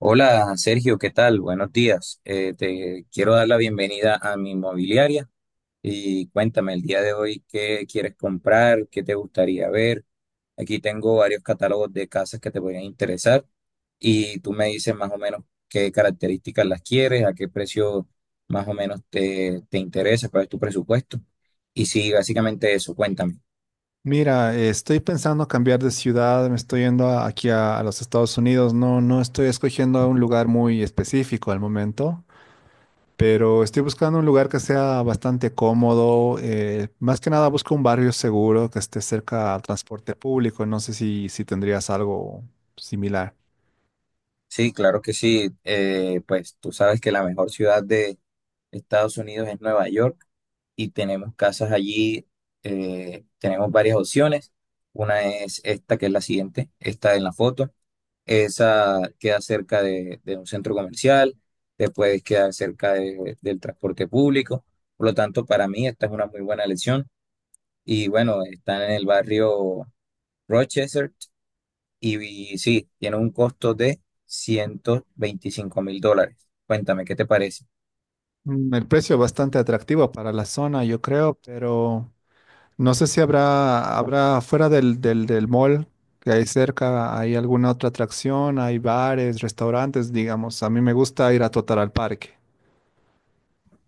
Hola Sergio, ¿qué tal? Buenos días. Te quiero dar la bienvenida a mi inmobiliaria y cuéntame el día de hoy qué quieres comprar, qué te gustaría ver. Aquí tengo varios catálogos de casas que te podrían interesar y tú me dices más o menos qué características las quieres, a qué precio más o menos te interesa, cuál es tu presupuesto. Y sí, básicamente eso, cuéntame. Mira, estoy pensando cambiar de ciudad, me estoy yendo aquí a los Estados Unidos, no, no estoy escogiendo un lugar muy específico al momento, pero estoy buscando un lugar que sea bastante cómodo, más que nada busco un barrio seguro que esté cerca al transporte público, no sé si tendrías algo similar. Sí, claro que sí. Pues tú sabes que la mejor ciudad de Estados Unidos es Nueva York. Y tenemos casas allí, tenemos varias opciones. Una es esta, que es la siguiente, esta en la foto. Esa queda cerca de un centro comercial, te puedes quedar cerca del transporte público. Por lo tanto, para mí esta es una muy buena elección. Y bueno, están en el barrio Rochester y sí, tiene un costo de $125.000. Cuéntame, ¿qué te parece? Mm, el precio es bastante atractivo para la zona, yo creo, pero no sé si habrá fuera del mall que hay cerca, hay alguna otra atracción, hay bares, restaurantes, digamos. A mí me gusta ir a trotar al parque.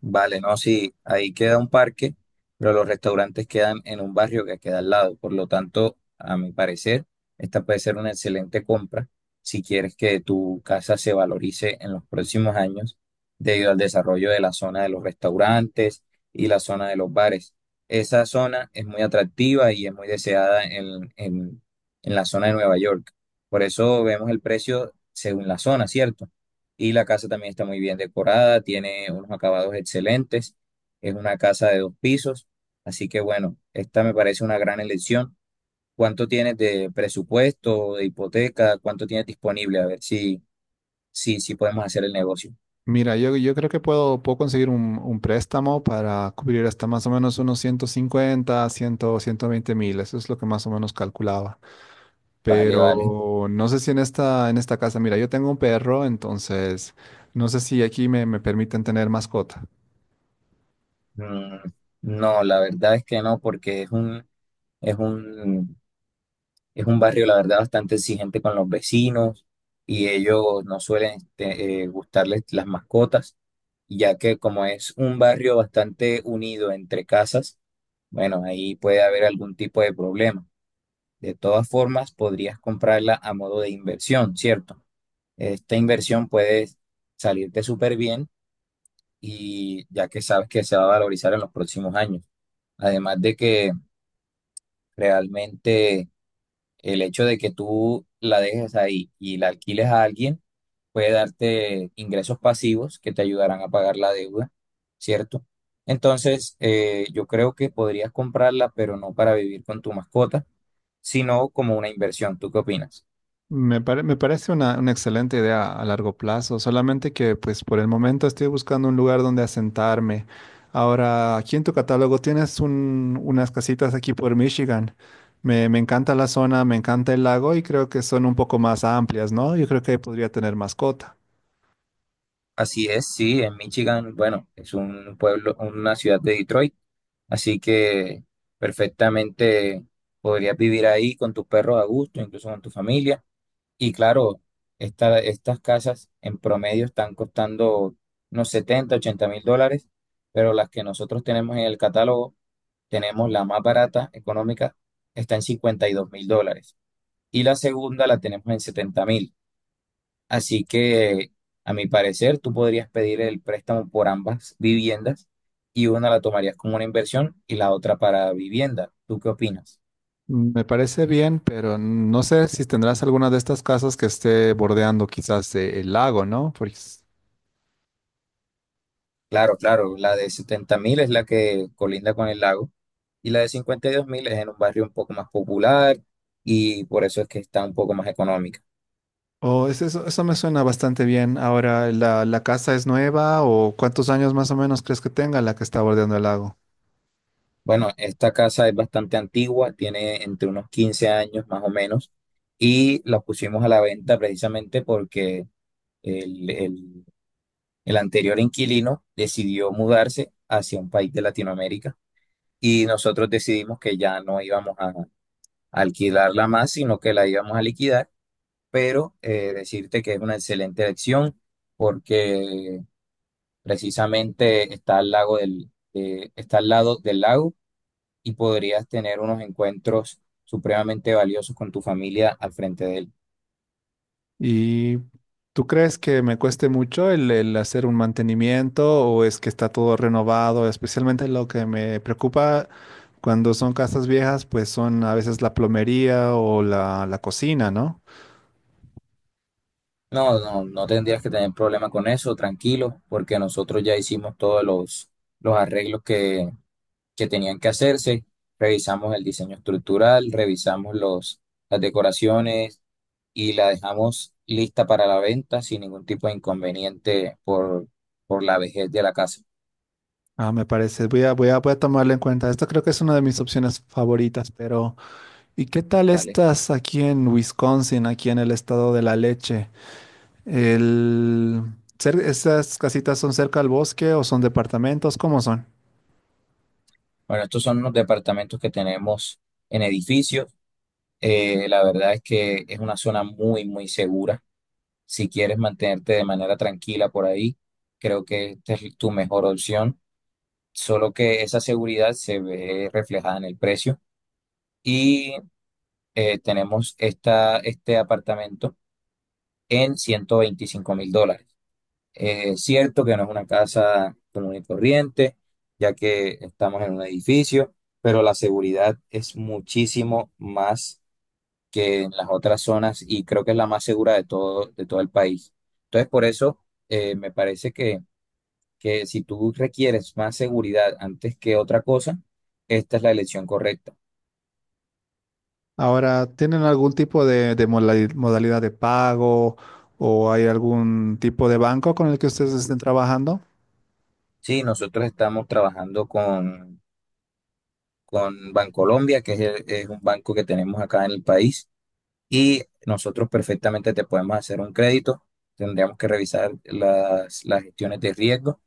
Vale, no, sí, ahí queda un parque, pero los restaurantes quedan en un barrio que queda al lado. Por lo tanto, a mi parecer, esta puede ser una excelente compra si quieres que tu casa se valorice en los próximos años debido al desarrollo de la zona de los restaurantes y la zona de los bares. Esa zona es muy atractiva y es muy deseada en la zona de Nueva York. Por eso vemos el precio según la zona, ¿cierto? Y la casa también está muy bien decorada, tiene unos acabados excelentes. Es una casa de dos pisos. Así que bueno, esta me parece una gran elección. ¿Cuánto tienes de presupuesto, de hipoteca? ¿Cuánto tienes disponible? A ver si podemos hacer el negocio. Mira, yo creo que puedo conseguir un préstamo para cubrir hasta más o menos unos 150, 120.000. Eso es lo que más o menos calculaba. Vale, vale. Pero no sé si en en esta casa, mira, yo tengo un perro, entonces no sé si aquí me permiten tener mascota. Mm, no, la verdad es que no, porque es un Es un barrio, la verdad, bastante exigente con los vecinos y ellos no suelen gustarles las mascotas, ya que como es un barrio bastante unido entre casas, bueno, ahí puede haber algún tipo de problema. De todas formas, podrías comprarla a modo de inversión, ¿cierto? Esta inversión puede salirte súper bien y ya que sabes que se va a valorizar en los próximos años. Además de que realmente el hecho de que tú la dejes ahí y la alquiles a alguien puede darte ingresos pasivos que te ayudarán a pagar la deuda, ¿cierto? Entonces, yo creo que podrías comprarla, pero no para vivir con tu mascota, sino como una inversión. ¿Tú qué opinas? Me parece una excelente idea a largo plazo, solamente que pues por el momento estoy buscando un lugar donde asentarme. Ahora, aquí en tu catálogo tienes unas casitas aquí por Michigan. Me encanta la zona, me encanta el lago y creo que son un poco más amplias, ¿no? Yo creo que ahí podría tener mascota. Así es, sí, en Michigan, bueno, es un pueblo, una ciudad de Detroit, así que perfectamente podrías vivir ahí con tus perros a gusto, incluso con tu familia. Y claro, estas casas en promedio están costando unos 70 u 80 mil dólares, pero las que nosotros tenemos en el catálogo, tenemos la más barata, económica, está en $52.000. Y la segunda la tenemos en 70.000. Así que, a mi parecer, tú podrías pedir el préstamo por ambas viviendas y una la tomarías como una inversión y la otra para vivienda. ¿Tú qué opinas? Me parece bien, pero no sé si tendrás alguna de estas casas que esté bordeando quizás el lago, ¿no? Porque Claro, claro, la de 70.000 es la que colinda con el lago. Y la de 52.000 es en un barrio un poco más popular y por eso es que está un poco más económica. oh, eso, eso me suena bastante bien. Ahora, la casa es nueva o cuántos años más o menos crees que tenga la que está bordeando el lago? Bueno, esta casa es bastante antigua, tiene entre unos 15 años más o menos y la pusimos a la venta precisamente porque el, el- el anterior inquilino decidió mudarse hacia un país de Latinoamérica y nosotros decidimos que ya no íbamos a alquilarla más, sino que la íbamos a liquidar, pero decirte que es una excelente elección porque precisamente está al lado del lago y podrías tener unos encuentros supremamente valiosos con tu familia al frente de él. ¿Y tú crees que me cueste mucho el hacer un mantenimiento o es que está todo renovado? Especialmente lo que me preocupa cuando son casas viejas, pues son a veces la plomería o la cocina, ¿no? No, no, no tendrías que tener problema con eso, tranquilo, porque nosotros ya hicimos todos los arreglos que tenían que hacerse. Revisamos el diseño estructural, revisamos las decoraciones y la dejamos lista para la venta sin ningún tipo de inconveniente por la vejez de la casa, Ah, me parece, voy a tomarlo en cuenta. Esto creo que es una de mis opciones favoritas, pero ¿y qué tal ¿vale? estás aquí en Wisconsin, aquí en el estado de la leche? El... ¿Esas casitas son cerca al bosque o son departamentos? ¿Cómo son? Bueno, estos son los departamentos que tenemos en edificios. La verdad es que es una zona muy, muy segura. Si quieres mantenerte de manera tranquila por ahí, creo que esta es tu mejor opción. Solo que esa seguridad se ve reflejada en el precio. Y tenemos esta, este apartamento en $125.000. Es cierto que no es una casa común y corriente, ya que estamos en un edificio, pero la seguridad es muchísimo más que en las otras zonas y creo que es la más segura de todo el país. Entonces, por eso me parece que, si tú requieres más seguridad antes que otra cosa, esta es la elección correcta. Ahora, ¿tienen algún tipo de modalidad de pago o hay algún tipo de banco con el que ustedes estén trabajando? Sí, nosotros estamos trabajando con Bancolombia, que es es un banco que tenemos acá en el país y nosotros perfectamente te podemos hacer un crédito. Tendríamos que revisar las gestiones de riesgo,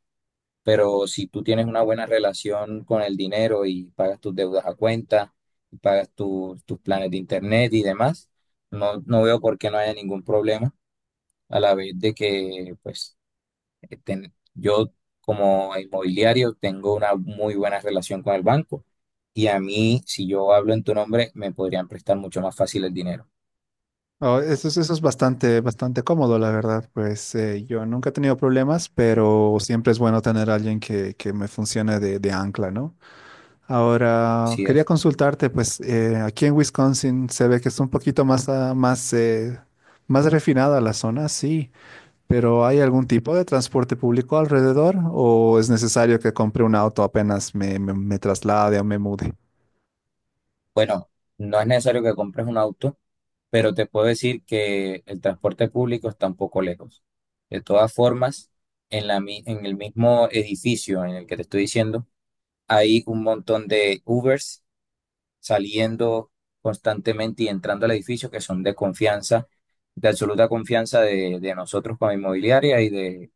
pero si tú tienes una buena relación con el dinero y pagas tus deudas a cuenta, y pagas tus planes de internet y demás, no, no veo por qué no haya ningún problema a la vez de que, pues, yo como inmobiliario tengo una muy buena relación con el banco. Y a mí, si yo hablo en tu nombre, me podrían prestar mucho más fácil el dinero. Oh, eso es bastante, bastante cómodo, la verdad. Pues yo nunca he tenido problemas, pero siempre es bueno tener a alguien que me funcione de ancla, ¿no? Ahora, Así quería es. consultarte, pues aquí en Wisconsin se ve que es un poquito más, más, más refinada la zona, sí, pero ¿hay algún tipo de transporte público alrededor o es necesario que compre un auto apenas me traslade o me mude? Bueno, no es necesario que compres un auto, pero te puedo decir que el transporte público está un poco lejos. De todas formas, en en el mismo edificio en el que te estoy diciendo, hay un montón de Ubers saliendo constantemente y entrando al edificio que son de confianza, de absoluta confianza de nosotros como inmobiliaria y de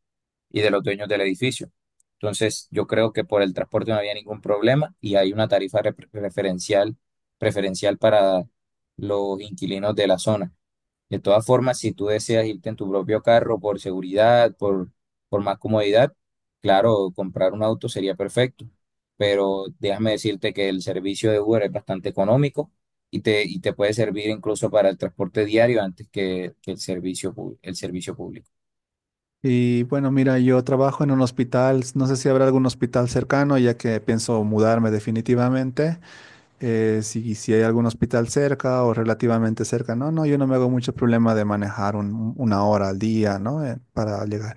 los dueños del edificio. Entonces, yo creo que por el transporte no había ningún problema y hay una tarifa preferencial para los inquilinos de la zona. De todas formas, si tú deseas irte en tu propio carro por seguridad, por más comodidad, claro, comprar un auto sería perfecto, pero déjame decirte que el servicio de Uber es bastante económico y te puede servir incluso para el transporte diario antes que el servicio público. Y bueno, mira, yo trabajo en un hospital, no sé si habrá algún hospital cercano, ya que pienso mudarme definitivamente. Si, si hay algún hospital cerca o relativamente cerca, no, no, yo no me hago mucho problema de manejar una hora al día, ¿no? Para llegar.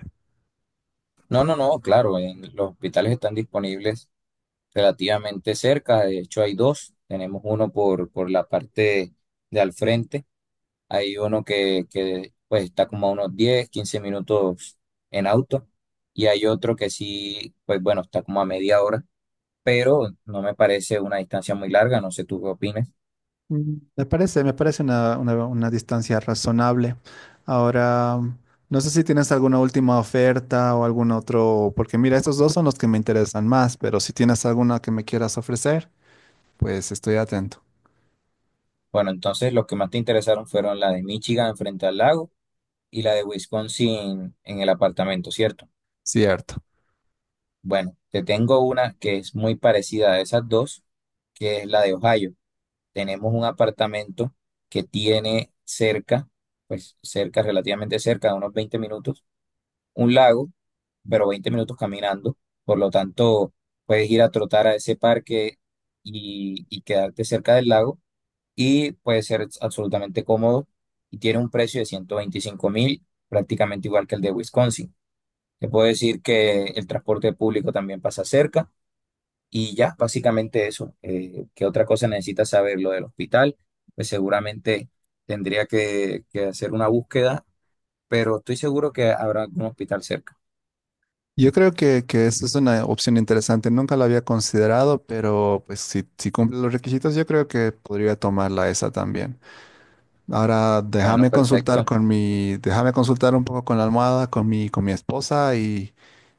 No, no, no, claro, los hospitales están disponibles relativamente cerca, de hecho hay dos, tenemos uno por la parte de al frente, hay uno que pues está como a unos 10, 15 minutos en auto y hay otro que sí, pues bueno, está como a media hora, pero no me parece una distancia muy larga, no sé tú qué opinas. Mm, me parece, me parece una, una distancia razonable. Ahora, no sé si tienes alguna última oferta o algún otro, porque mira, estos dos son los que me interesan más, pero si tienes alguna que me quieras ofrecer, pues estoy atento. Bueno, entonces los que más te interesaron fueron la de Michigan frente al lago y la de Wisconsin en el apartamento, ¿cierto? Cierto. Bueno, te tengo una que es muy parecida a esas dos, que es la de Ohio. Tenemos un apartamento que tiene cerca, pues cerca, relativamente cerca, de unos 20 minutos, un lago, pero 20 minutos caminando. Por lo tanto, puedes ir a trotar a ese parque y quedarte cerca del lago y puede ser absolutamente cómodo y tiene un precio de 125.000, prácticamente igual que el de Wisconsin. Te puedo decir que el transporte público también pasa cerca y ya, básicamente eso. ¿Qué otra cosa necesitas saber? Lo del hospital, pues seguramente tendría que hacer una búsqueda, pero estoy seguro que habrá algún hospital cerca. Yo creo que esa es una opción interesante. Nunca la había considerado, pero pues si, si cumple los requisitos, yo creo que podría tomarla esa también. Ahora Bueno, déjame consultar perfecto. con mi, déjame consultar un poco con la almohada, con mi esposa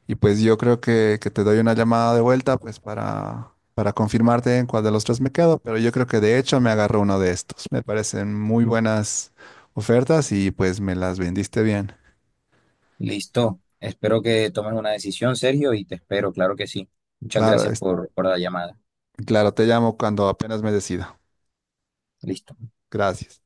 y pues yo creo que te doy una llamada de vuelta pues para confirmarte en cuál de los tres me quedo, pero yo creo que de hecho me agarró uno de estos. Me parecen muy buenas ofertas y pues me las vendiste bien. Listo. Espero que tomes una decisión, Sergio, y te espero, claro que sí. Muchas Claro, gracias por la llamada. claro, te llamo cuando apenas me decida. Listo. Gracias.